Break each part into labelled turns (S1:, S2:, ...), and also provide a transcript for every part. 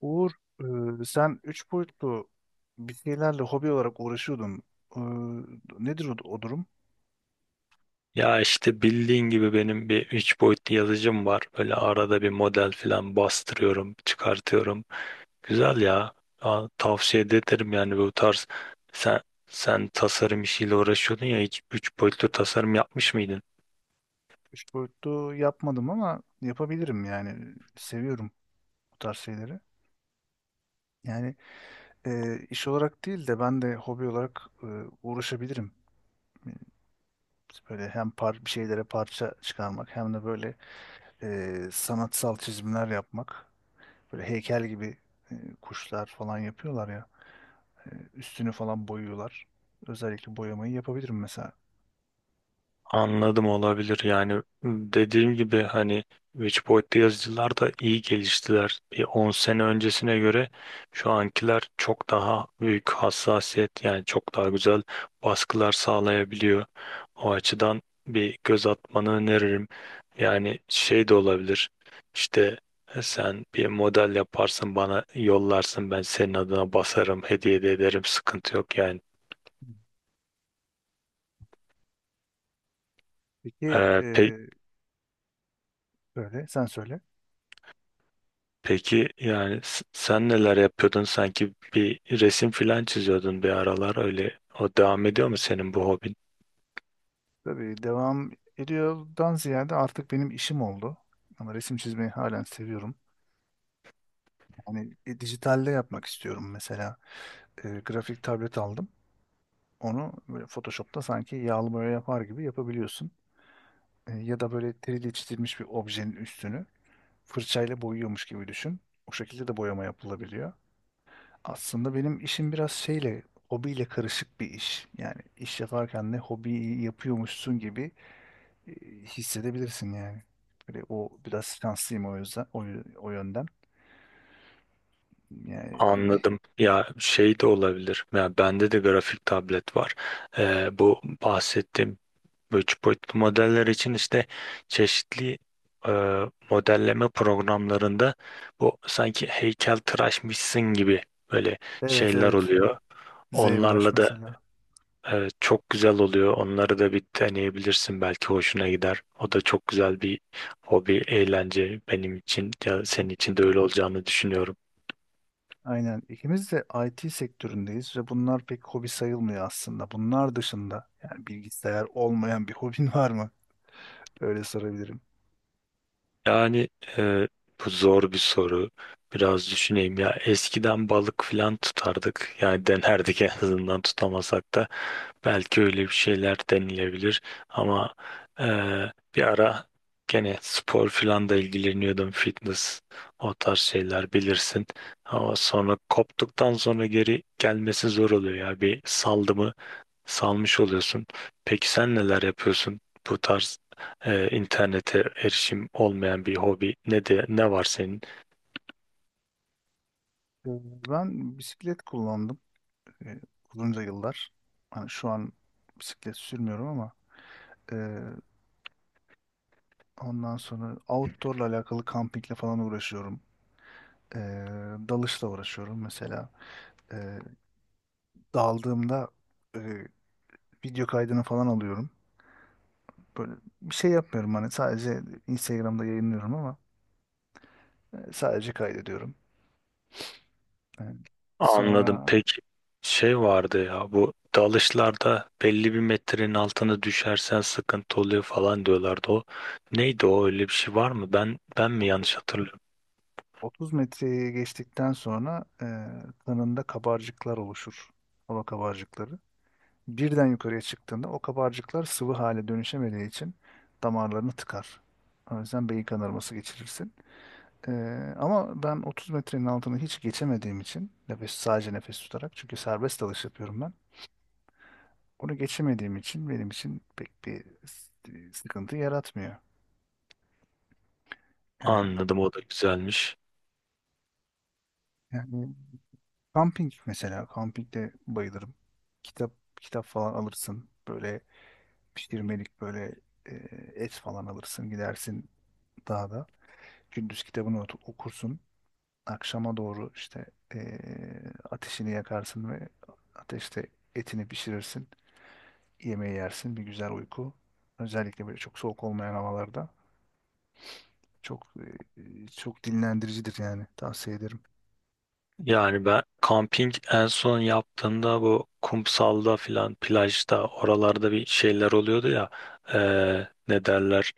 S1: Uğur, sen üç boyutlu bir şeylerle hobi olarak uğraşıyordun. E, Nedir o, o durum?
S2: Ya işte bildiğin gibi benim bir 3 boyutlu yazıcım var. Böyle arada bir model falan bastırıyorum, çıkartıyorum. Güzel ya. Aa, tavsiye de ederim yani bu tarz. Sen sen tasarım işiyle uğraşıyordun ya hiç 3 boyutlu tasarım yapmış mıydın?
S1: Üç boyutlu yapmadım ama yapabilirim yani. Seviyorum bu tarz şeyleri. Yani iş olarak değil de ben de hobi olarak uğraşabilirim. E, Böyle hem bir şeylere parça çıkarmak hem de böyle sanatsal çizimler yapmak. Böyle heykel gibi e, kuşlar falan yapıyorlar ya. Üstünü falan boyuyorlar. Özellikle boyamayı yapabilirim mesela.
S2: Anladım, olabilir. Yani dediğim gibi hani 3 boyutlu yazıcılar da iyi geliştiler. Bir 10 sene öncesine göre şu ankiler çok daha büyük hassasiyet, yani çok daha güzel baskılar sağlayabiliyor. O açıdan bir göz atmanı öneririm. Yani şey de olabilir, işte sen bir model yaparsın, bana yollarsın, ben senin adına basarım, hediye de ederim, sıkıntı yok yani.
S1: Peki
S2: Ee, pe-
S1: e, böyle sen söyle.
S2: Peki yani sen neler yapıyordun? Sanki bir resim filan çiziyordun bir aralar öyle. O devam ediyor mu senin bu hobin?
S1: Tabii devam ediyordan ziyade artık benim işim oldu. Ama resim çizmeyi halen seviyorum. Yani dijitalde yapmak istiyorum mesela. Grafik tablet aldım. Onu böyle Photoshop'ta sanki yağlı boya yapar gibi yapabiliyorsun. Ya da böyle 3D çizilmiş bir objenin üstünü fırçayla boyuyormuş gibi düşün. O şekilde de boyama yapılabiliyor. Aslında benim işim biraz şeyle, hobiyle karışık bir iş. Yani iş yaparken de hobiyi yapıyormuşsun gibi e, hissedebilirsin yani. Böyle o biraz şanslıyım o yüzden o yönden. Yani
S2: Anladım. Ya şey de olabilir. Ya bende de grafik tablet var. Bu bahsettiğim bu üç boyutlu modeller için işte çeşitli e, modelleme programlarında bu sanki heykeltıraşmışsın gibi böyle
S1: evet
S2: şeyler
S1: evet.
S2: oluyor.
S1: ZBrush
S2: Onlarla da
S1: mesela.
S2: evet, çok güzel oluyor. Onları da bir deneyebilirsin. Belki hoşuna gider. O da çok güzel bir hobi, eğlence benim için. Ya
S1: Hı hı.
S2: senin için de öyle olacağını düşünüyorum.
S1: Aynen. İkimiz de IT sektöründeyiz ve bunlar pek hobi sayılmıyor aslında. Bunlar dışında yani bilgisayar olmayan bir hobin var mı? Öyle sorabilirim.
S2: Yani e, bu zor bir soru. Biraz düşüneyim ya. Eskiden balık falan tutardık. Yani denerdik en azından tutamasak da. Belki öyle bir şeyler denilebilir. Ama e, bir ara gene spor falan da ilgileniyordum. Fitness, o tarz şeyler bilirsin. Ama sonra koptuktan sonra geri gelmesi zor oluyor ya. Bir saldım, salmış oluyorsun. Peki sen neler yapıyorsun? Bu tarz internete erişim olmayan bir hobi ne de ne var senin?
S1: Ee, Ben bisiklet kullandım e, uzunca yıllar. Hani şu an bisiklet sürmüyorum ama e, ondan sonra outdoor'la alakalı kampingle falan uğraşıyorum. Ee, Dalışla uğraşıyorum mesela. Ee, Daldığımda e, video kaydını falan alıyorum. Böyle bir şey yapmıyorum hani sadece Instagram'da yayınlıyorum ama sadece kaydediyorum. Ee,
S2: Anladım.
S1: Sonra
S2: Peki, şey vardı ya, bu dalışlarda belli bir metrenin altına düşersen sıkıntı oluyor falan diyorlardı o. Neydi o, öyle bir şey var mı? Ben mi yanlış
S1: 30,
S2: hatırlıyorum?
S1: 30 metreyi geçtikten sonra kanında kabarcıklar oluşur. Hava kabarcıkları. Birden yukarıya çıktığında o kabarcıklar sıvı hale dönüşemediği için damarlarını tıkar. O yüzden beyin kanaması geçirirsin. Ama ben 30 metrenin altını hiç geçemediğim için sadece nefes tutarak çünkü serbest dalış yapıyorum ben. Onu geçemediğim için benim için pek bir sıkıntı yaratmıyor. Yani
S2: Anladım, o da güzelmiş.
S1: yani kamping mesela kampingde bayılırım. Kitap Kitap falan alırsın. Böyle pişirmelik böyle e, et falan alırsın gidersin dağda. Gündüz kitabını okursun. Akşama doğru işte e, ateşini yakarsın ve ateşte etini pişirirsin. Yemeği yersin, bir güzel uyku. Özellikle böyle çok soğuk olmayan havalarda çok çok dinlendiricidir yani tavsiye ederim.
S2: Yani ben kamping en son yaptığımda bu kumsalda filan, plajda oralarda bir şeyler oluyordu ya, ne derler,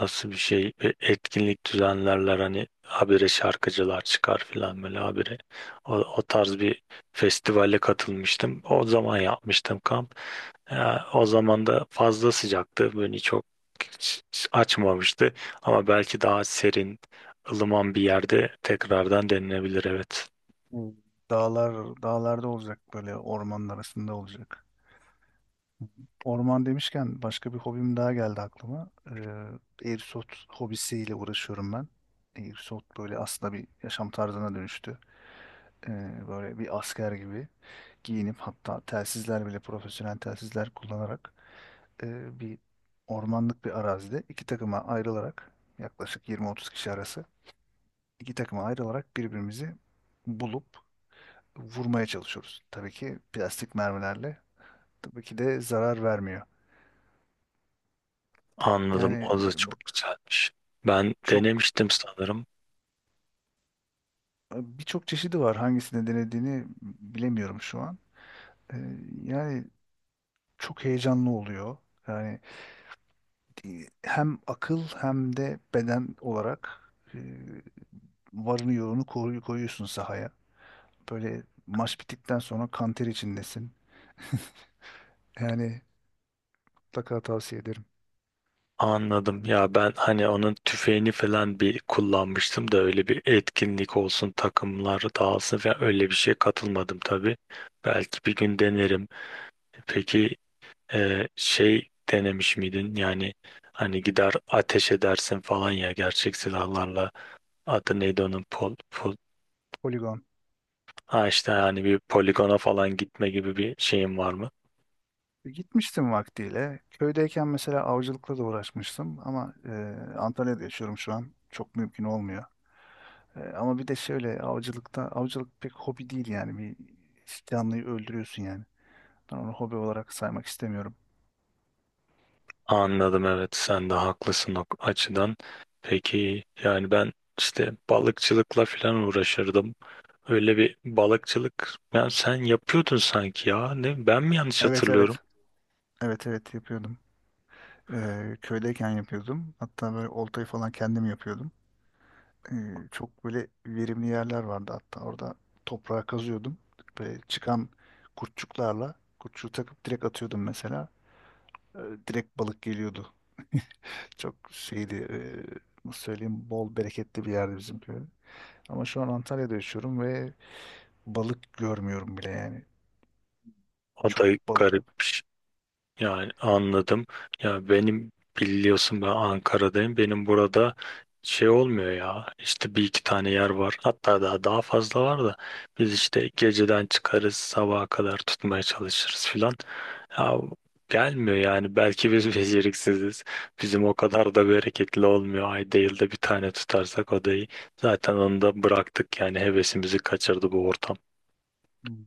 S2: nasıl bir şey, bir etkinlik düzenlerler hani, habire şarkıcılar çıkar filan, böyle habire o tarz bir festivale katılmıştım, o zaman yapmıştım kamp. Ya, o zaman da fazla sıcaktı, beni çok açmamıştı, ama belki daha serin, ılıman bir yerde tekrardan denenebilir, evet.
S1: Bu Dağlar dağlarda olacak, böyle ormanın arasında olacak. Orman demişken başka bir hobim daha geldi aklıma. Airsoft hobisiyle uğraşıyorum ben. Airsoft böyle aslında bir yaşam tarzına dönüştü. Böyle bir asker gibi giyinip, hatta telsizler bile profesyonel telsizler kullanarak bir ormanlık bir arazide, iki takıma ayrılarak, yaklaşık 20-30 kişi arası iki takıma ayrılarak birbirimizi bulup vurmaya çalışıyoruz. Tabii ki plastik mermilerle, tabii ki de zarar vermiyor.
S2: Anladım.
S1: Yani
S2: O da
S1: bu
S2: çok güzelmiş. Ben
S1: çok
S2: denemiştim sanırım.
S1: birçok çeşidi var. Hangisini denediğini bilemiyorum şu an. E, Yani çok heyecanlı oluyor. Yani hem akıl hem de beden olarak varını yoğunu koyuyorsun sahaya. Böyle maç bittikten sonra kanter içindesin. Yani mutlaka tavsiye ederim.
S2: Anladım. Ya ben hani onun tüfeğini falan bir kullanmıştım da öyle bir etkinlik olsun, takımlar dağılsın falan öyle bir şeye katılmadım tabii. Belki bir gün denerim. Peki şey denemiş miydin? Yani hani gider ateş edersin falan ya, gerçek silahlarla. Adı neydi onun? Pol.
S1: Poligon.
S2: Ha işte, yani bir poligona falan gitme gibi bir şeyin var mı?
S1: Gitmiştim vaktiyle. Köydeyken mesela avcılıkla da uğraşmıştım ama Antalya'da yaşıyorum şu an. Çok mümkün olmuyor. Ama bir de şöyle, avcılık pek hobi değil yani. Bir canlıyı öldürüyorsun yani. Ben onu hobi olarak saymak istemiyorum.
S2: Anladım, evet, sen de haklısın o açıdan. Peki yani ben işte balıkçılıkla falan uğraşırdım. Öyle bir balıkçılık yani sen yapıyordun sanki ya. Ne, ben mi yanlış
S1: Evet,
S2: hatırlıyorum?
S1: evet. Evet, evet, yapıyordum. E, Köydeyken yapıyordum. Hatta böyle oltayı falan kendim yapıyordum. e, Çok böyle verimli yerler vardı, hatta orada toprağa kazıyordum. Böyle çıkan kurtçuğu takıp direkt atıyordum mesela. E, Direkt balık geliyordu. Çok şeydi, nasıl söyleyeyim, bol bereketli bir yerdi bizim köy. Ama şu an Antalya'da yaşıyorum ve balık görmüyorum bile yani.
S2: O da
S1: Çok balık
S2: garip.
S1: yok.
S2: Yani anladım. Ya benim, biliyorsun ben Ankara'dayım. Benim burada şey olmuyor ya. İşte bir iki tane yer var. Hatta daha fazla var da biz işte geceden çıkarız, sabaha kadar tutmaya çalışırız filan. Ya gelmiyor yani. Belki biz beceriksiziz. Bizim o kadar da bereketli olmuyor. Ayda yılda bir tane tutarsak odayı. Zaten onu da bıraktık yani, hevesimizi kaçırdı bu ortam.
S1: Hmm.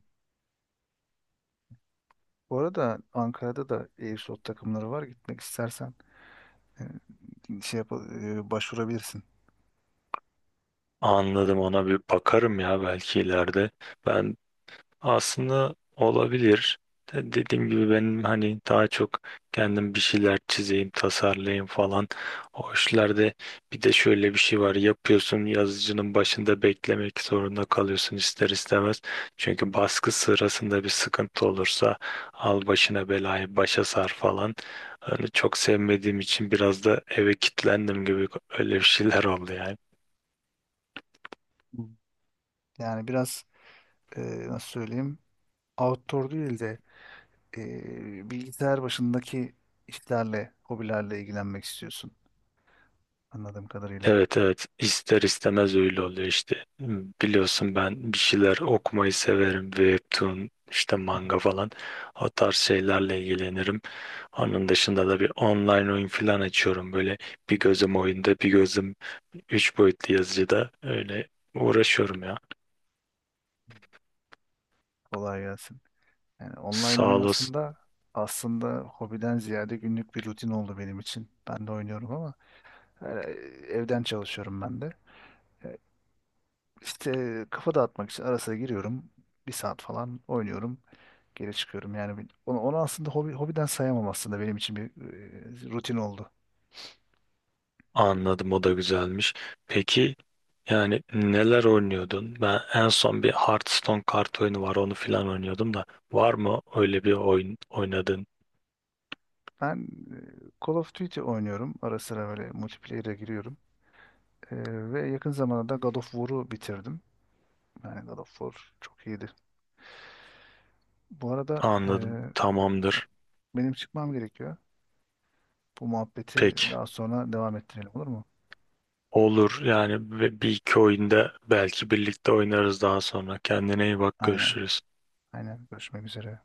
S1: Bu arada Ankara'da da e-spor takımları var. Gitmek istersen e, şey yap, başvurabilirsin.
S2: Anladım, ona bir bakarım ya belki ileride. Ben, aslında olabilir. Dediğim gibi benim hani daha çok kendim bir şeyler çizeyim, tasarlayayım falan. O işlerde bir de şöyle bir şey var. Yapıyorsun, yazıcının başında beklemek zorunda kalıyorsun ister istemez. Çünkü baskı sırasında bir sıkıntı olursa al başına belayı, başa sar falan. Hani çok sevmediğim için biraz da eve kilitlendim gibi, öyle bir şeyler oldu yani.
S1: Yani biraz, e, nasıl söyleyeyim, outdoor değil de bilgisayar başındaki işlerle, hobilerle ilgilenmek istiyorsun anladığım kadarıyla.
S2: Evet, evet, ister istemez öyle oluyor işte. Hmm, biliyorsun ben bir şeyler okumayı severim. Webtoon, işte
S1: Hı hı.
S2: manga falan, o tarz şeylerle ilgilenirim. Onun dışında da bir online oyun falan açıyorum. Böyle bir gözüm oyunda, bir gözüm üç boyutlu yazıcıda, öyle uğraşıyorum ya.
S1: Kolay gelsin. Yani online
S2: Sağ
S1: oyun
S2: olasın.
S1: aslında hobiden ziyade günlük bir rutin oldu benim için. Ben de oynuyorum ama e, evden çalışıyorum ben de. E, İşte kafa dağıtmak için ara sıra giriyorum. Bir saat falan oynuyorum. Geri çıkıyorum. Yani onu aslında hobiden sayamam, aslında benim için bir rutin oldu.
S2: Anladım, o da güzelmiş. Peki yani neler oynuyordun? Ben en son bir Hearthstone kart oyunu var, onu filan oynuyordum da, var mı öyle bir oyun oynadın?
S1: Ben Call of Duty oynuyorum. Ara sıra böyle multiplayer'e giriyorum. E, Ve yakın zamanda da God of War'u bitirdim. Yani God of War çok iyiydi. Bu arada
S2: Anladım. Tamamdır.
S1: benim çıkmam gerekiyor. Bu muhabbeti
S2: Peki.
S1: daha sonra devam ettirelim, olur mu?
S2: Olur yani, ve bir iki oyunda belki birlikte oynarız daha sonra. Kendine iyi bak,
S1: Aynen.
S2: görüşürüz.
S1: Aynen. Görüşmek üzere.